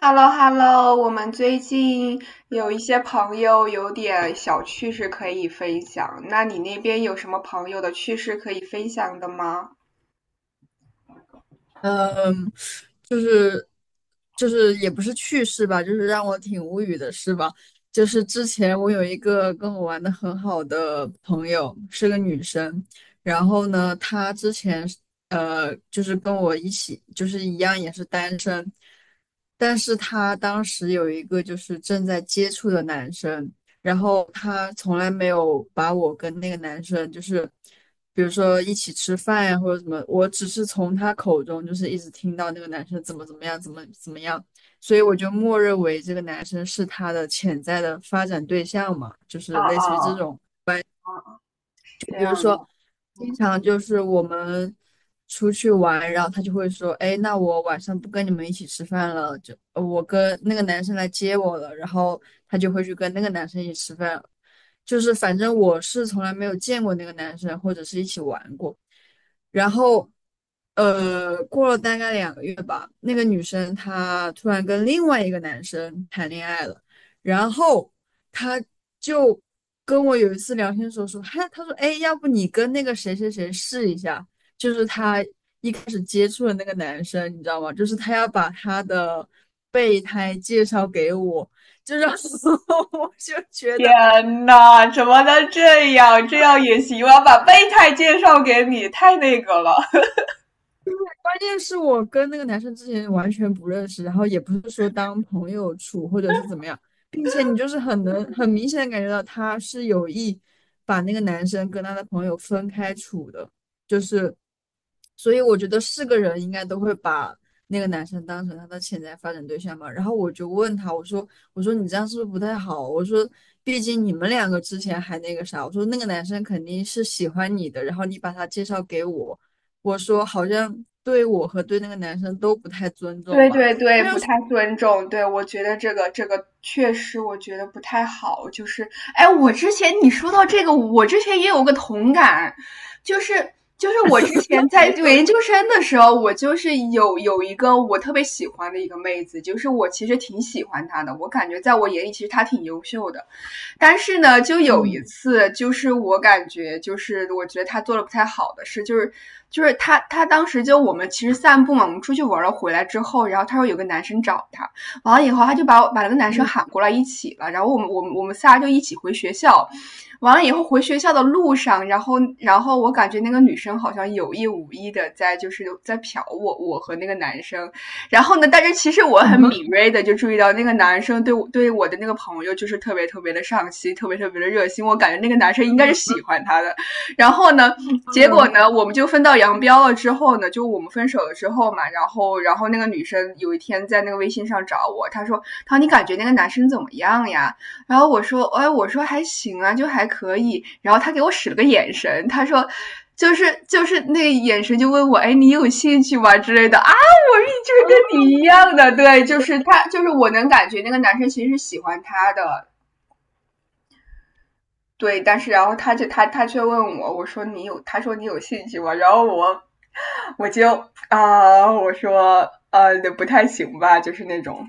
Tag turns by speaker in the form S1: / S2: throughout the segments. S1: h e l l o h e l l o 我们最近有一些朋友有点小趣事可以分享，那你那边有什么朋友的趣事可以分享的吗？
S2: 嗯，就是就是也不是趣事吧，就是让我挺无语的事吧。就是之前我有一个跟我玩的很好的朋友，是个女生，然后呢，她之前是就是跟我一起，就是一样也是单身，但是他当时有一个就是正在接触的男生，然后他从来没有把我跟那个男生就是，比如说一起吃饭呀或者什么，我只是从他口中就是一直听到那个男生怎么怎么样，怎么怎么样，所以我就默认为这个男生是他的潜在的发展对象嘛，就
S1: 啊
S2: 是类似于
S1: 啊
S2: 这种。
S1: 啊！这样的。
S2: 经常就是我们出去玩，然后他就会说："哎，那我晚上不跟你们一起吃饭了，就我跟那个男生来接我了。"然后他就会去跟那个男生一起吃饭。就是反正我是从来没有见过那个男生，或者是一起玩过。然后，过了大概2个月吧，那个女生她突然跟另外一个男生谈恋爱了，然后她就跟我有一次聊天的时候说，嗨，她说，哎，要不你跟那个谁谁谁试一下，就是他一开始接触的那个男生，你知道吗？就是他要把他的备胎介绍给我，就让 我就觉得
S1: 天呐，怎么能这样？这样也行？我要把备胎介绍给你，太那个了。
S2: 关键是我跟那个男生之前完全不认识，然后也不是说当朋友处或者是怎么样，并且你就是很能很明显的感觉到他是有意把那个男生跟他的朋友分开处的，就是，所以我觉得是个人应该都会把那个男生当成他的潜在发展对象嘛。然后我就问他，我说你这样是不是不太好？我说毕竟你们两个之前还那个啥，我说那个男生肯定是喜欢你的，然后你把他介绍给我。我说好像对我和对那个男生都不太尊重
S1: 对
S2: 吧。
S1: 对对，
S2: 他
S1: 不
S2: 就
S1: 太
S2: 说，
S1: 尊重，对，我觉得这个确实，我觉得不太好。就是，哎，我之前你说到这个，我之前也有个同感，就是就是我之前在
S2: 你说，
S1: 研究生的时候，我就是有一个我特别喜欢的一个妹子，就是我其实挺喜欢她的，我感觉在我眼里其实她挺优秀的。但是呢，就有一
S2: 嗯，
S1: 次，就是我感觉，就是我觉得他做的不太好的事，就是他当时就我们其实散步嘛，我们出去玩了，回来之后，然后他说有个男生找他，完了以后他就把那个男生喊过来一起了，然后我们仨就一起回学校。完了以后回学校的路上，然后我感觉那个女生好像有意无意的在就是在瞟我，我和那个男生。然后呢，但是其实我很敏锐的就注意到那个男生对我的那个朋友就是特别特别的上心，特别特别的热心，我感觉那个男生应该是喜欢他的。然后呢，结果呢，我们就分道扬镳了之后呢，就我们分手了之后嘛，然后那个女生有一天在那个微信上找我，她说："她说你感觉那个男生怎么样呀？"然后我说："哎，我说还行啊，就还可以。"然后她给我使了个眼神，她说。就是那个眼神就问我，哎，你有兴趣吗之类的啊？我就是跟你一样的，对，就是他，就是我能感觉那个男生其实是喜欢他的，对。但是然后他就他却问我，我说你有，他说你有兴趣吗？然后我我就我说不太行吧，就是那种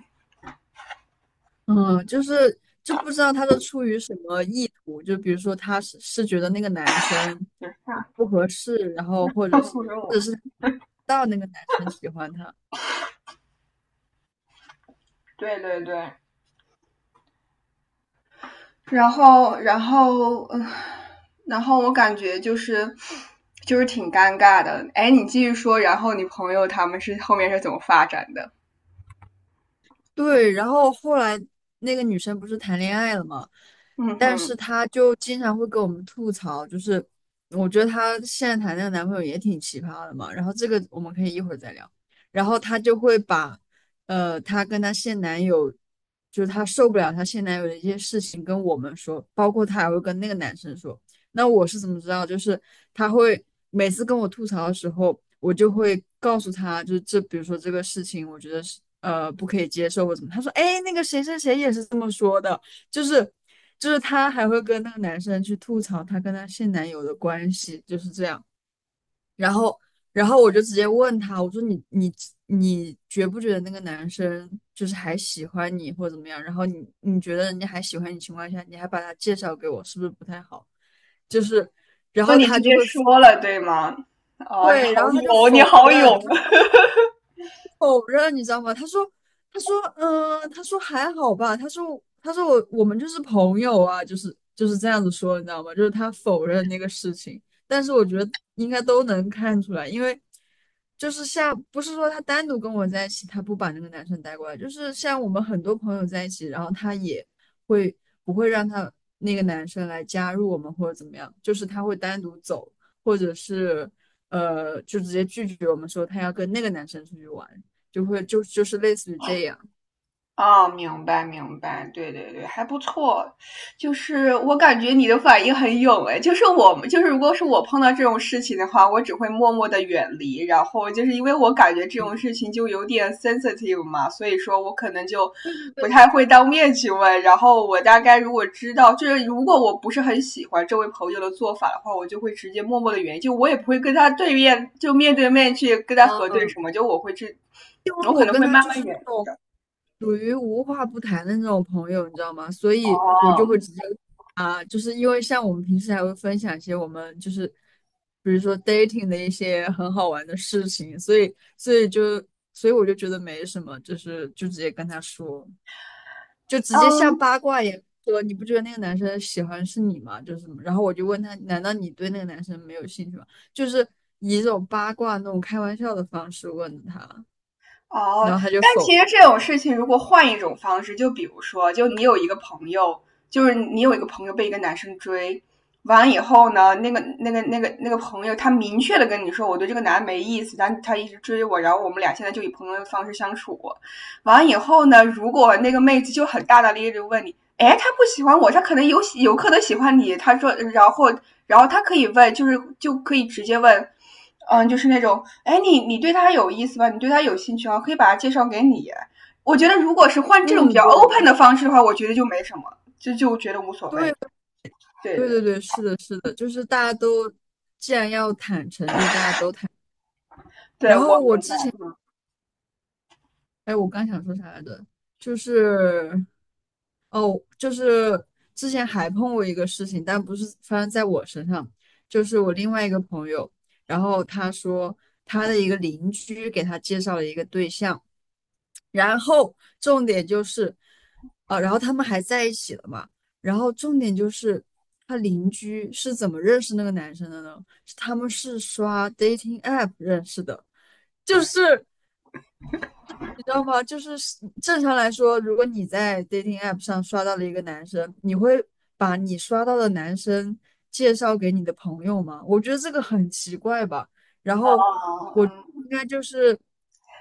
S2: 嗯嗯，就是就不知道他是出于什么意图，就比如说他是觉得那个男生
S1: 啊，
S2: 不合适，然后或 者是
S1: 不如
S2: 或
S1: 我。
S2: 者是到那个男生喜欢他，
S1: 对对对，然后然后然后我感觉就是就是挺尴尬的。哎，你继续说，然后你朋友他们是后面是怎么发展的？
S2: 对，然后后来那个女生不是谈恋爱了嘛，
S1: 嗯
S2: 但是
S1: 哼。
S2: 她就经常会跟我们吐槽，就是我觉得她现在谈那个男朋友也挺奇葩的嘛。然后这个我们可以一会儿再聊。然后她就会把，她跟她现男友，就是她受不了她现男友的一些事情跟我们说，包括她还会跟那个男生说。那我是怎么知道？就是他会每次跟我吐槽的时候，我就会告诉他，就是这，比如说这个事情，我觉得是不可以接受或怎么。他说，哎，那个谁谁谁也是这么说的，就是就是他还会跟那个男生去吐槽他跟他现男友的关系，就是这样。然后，然后我就直接问他，我说你觉不觉得那个男生就是还喜欢你或者怎么样？然后你觉得人家还喜欢你情况下，你还把他介绍给我，是不是不太好？就是，然
S1: 那
S2: 后
S1: 你
S2: 他
S1: 直
S2: 就
S1: 接
S2: 会
S1: 说了，对吗？啊，你
S2: 对，然
S1: 好
S2: 后他就
S1: 勇，你
S2: 否
S1: 好
S2: 认，
S1: 勇！
S2: 他 否认，你知道吗？他说，他说，他说还好吧。他说，他说我们就是朋友啊，就是这样子说，你知道吗？就是他否认那个事情，但是我觉得应该都能看出来，因为就是像不是说他单独跟我在一起，他不把那个男生带过来，就是像我们很多朋友在一起，然后他也会不会让他那个男生来加入我们或者怎么样，就是他会单独走，或者是。就直接拒绝我们说他要跟那个男生出去玩。就会就就是类似于这样。
S1: 啊，明白明白，对对对，还不错。就是我感觉你的反应很勇诶，就是我们就是如果是我碰到这种事情的话，我只会默默的远离。然后就是因为我感觉这种
S2: 嗯
S1: 事情就有点 sensitive 嘛，所以说我可能就
S2: 对对
S1: 不
S2: 对，
S1: 太会当面去问。然后我大概如果知道，就是如果我不是很喜欢这位朋友的做法的话，我就会直接默默的远离，就我也不会跟他对面就面对面去跟他核对
S2: 嗯，
S1: 什么，就我会去，
S2: 因为
S1: 我可
S2: 我
S1: 能
S2: 跟
S1: 会
S2: 他
S1: 慢
S2: 就
S1: 慢
S2: 是
S1: 远。
S2: 那种属于无话不谈的那种朋友，你知道吗？所以我就会
S1: 哦，
S2: 直接啊，就是因为像我们平时还会分享一些我们就是比如说 dating 的一些很好玩的事情，所以我就觉得没什么，就是就直接跟他说。就直接像
S1: 嗯，
S2: 八卦一样说，你不觉得那个男生喜欢是你吗？就是什么，然后我就问他，难道你对那个男生没有兴趣吗？就是以一种八卦那种开玩笑的方式问的他，
S1: 哦，
S2: 然后他就
S1: 但
S2: 否
S1: 其实
S2: 认。
S1: 这种事情，如果换一种方式，就比如说，就你有一个朋友，就是你有一个朋友被一个男生追，完了以后呢，那个朋友，他明确的跟你说，我对这个男的没意思，但他一直追我，然后我们俩现在就以朋友的方式相处。完了以后呢，如果那个妹子就很大大咧咧的问你，哎，他不喜欢我，他可能有喜有可能喜欢你，他说，然后然后他可以问，就是就可以直接问。嗯，就是那种，哎，你你对他有意思吧？你对他有兴趣啊？可以把他介绍给你。我觉得如果是换这种比
S2: 嗯，
S1: 较
S2: 对，
S1: open 的方式的话，我觉得就没什么，就就觉得无所
S2: 对，
S1: 谓。对
S2: 对，
S1: 对
S2: 对，对，是的，是的，就是大家都既然要坦诚，就大家都坦。
S1: 对，
S2: 然
S1: 我
S2: 后我
S1: 明
S2: 之前，
S1: 白。
S2: 哎，我刚想说啥来着？就是哦，就是之前还碰过一个事情，但不是发生在我身上，就是我另外一个朋友，然后他说他的一个邻居给他介绍了一个对象，然后重点就是，然后他们还在一起了嘛，然后重点就是他邻居是怎么认识那个男生的呢？是他们是刷 dating app 认识的，就是。你知道吗？就是正常来说，如果你在 dating app 上刷到了一个男生，你会把你刷到的男生介绍给你的朋友吗？我觉得这个很奇怪吧。然
S1: 啊，
S2: 后我
S1: 嗯。
S2: 应该就是，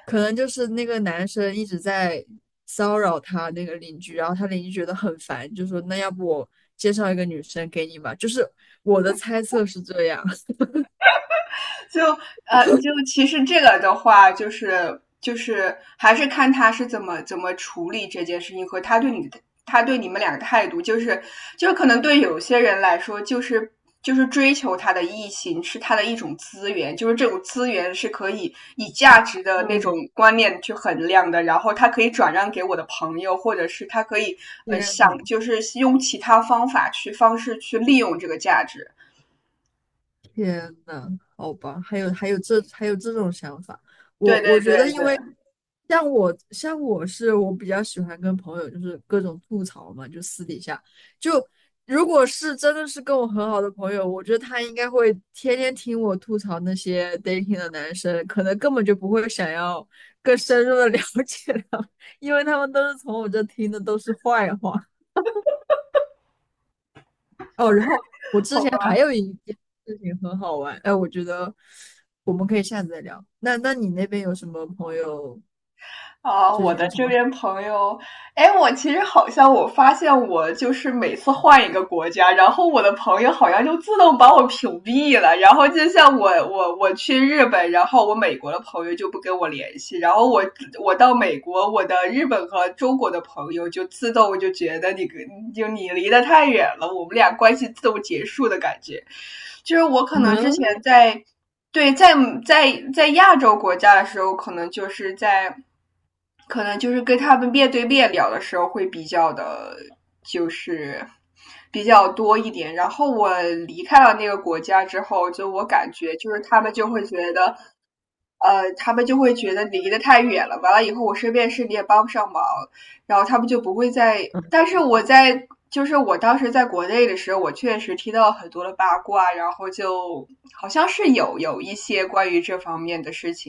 S2: 可能就是那个男生一直在骚扰他那个邻居，然后他邻居觉得很烦，就说那要不我介绍一个女生给你吧。就是我的猜测是这样。
S1: 就就其实这个的话，就是就是还是看他是怎么处理这件事情和他对你的他对你们俩的态度，就是就是可能对有些人来说，就是就是追求他的异性是他的一种资源，就是这种资源是可以以价值的那种
S2: 嗯，
S1: 观念去衡量的，然后他可以转让给我的朋友，或者是他可以
S2: 天
S1: 想就是用其他方法去方式去利用这个价值。
S2: 天呐，好吧，还有这种想法，我
S1: 对对
S2: 我
S1: 对
S2: 觉得，因
S1: 对，
S2: 为像我是我比较喜欢跟朋友就是各种吐槽嘛，就私底下就如果是真的是跟我很好的朋友，我觉得他应该会天天听我吐槽那些 dating 的男生，可能根本就不会想要更深入的 了解他们因为他们都是从我这听的都是坏话。哦，然后我之
S1: 好
S2: 前还
S1: 吧。
S2: 有一件事情很好玩，哎，我觉得我们可以下次再聊。那那你那边有什么朋友
S1: 啊，
S2: 最
S1: 我
S2: 近
S1: 的
S2: 有什
S1: 这
S2: 么？
S1: 边朋友，哎，我其实好像我发现我就是每次换一个国家，然后我的朋友好像就自动把我屏蔽了。然后就像我去日本，然后我美国的朋友就不跟我联系，然后我我到美国，我的日本和中国的朋友就自动就觉得你跟就你离得太远了，我们俩关系自动结束的感觉。就是我可 能之前
S2: 嗯，
S1: 在对，在在在亚洲国家的时候，可能就是在，可能就是跟他们面对面聊的时候会比较的，就是比较多一点。然后我离开了那个国家之后，就我感觉就是他们就会觉得他们就会觉得离得太远了，完了以后我身边时你也帮不上忙，然后他们就不会再。但是我在，就是我当时在国内的时候，我确实听到很多的八卦，然后就好像是有一些关于这方面的事情。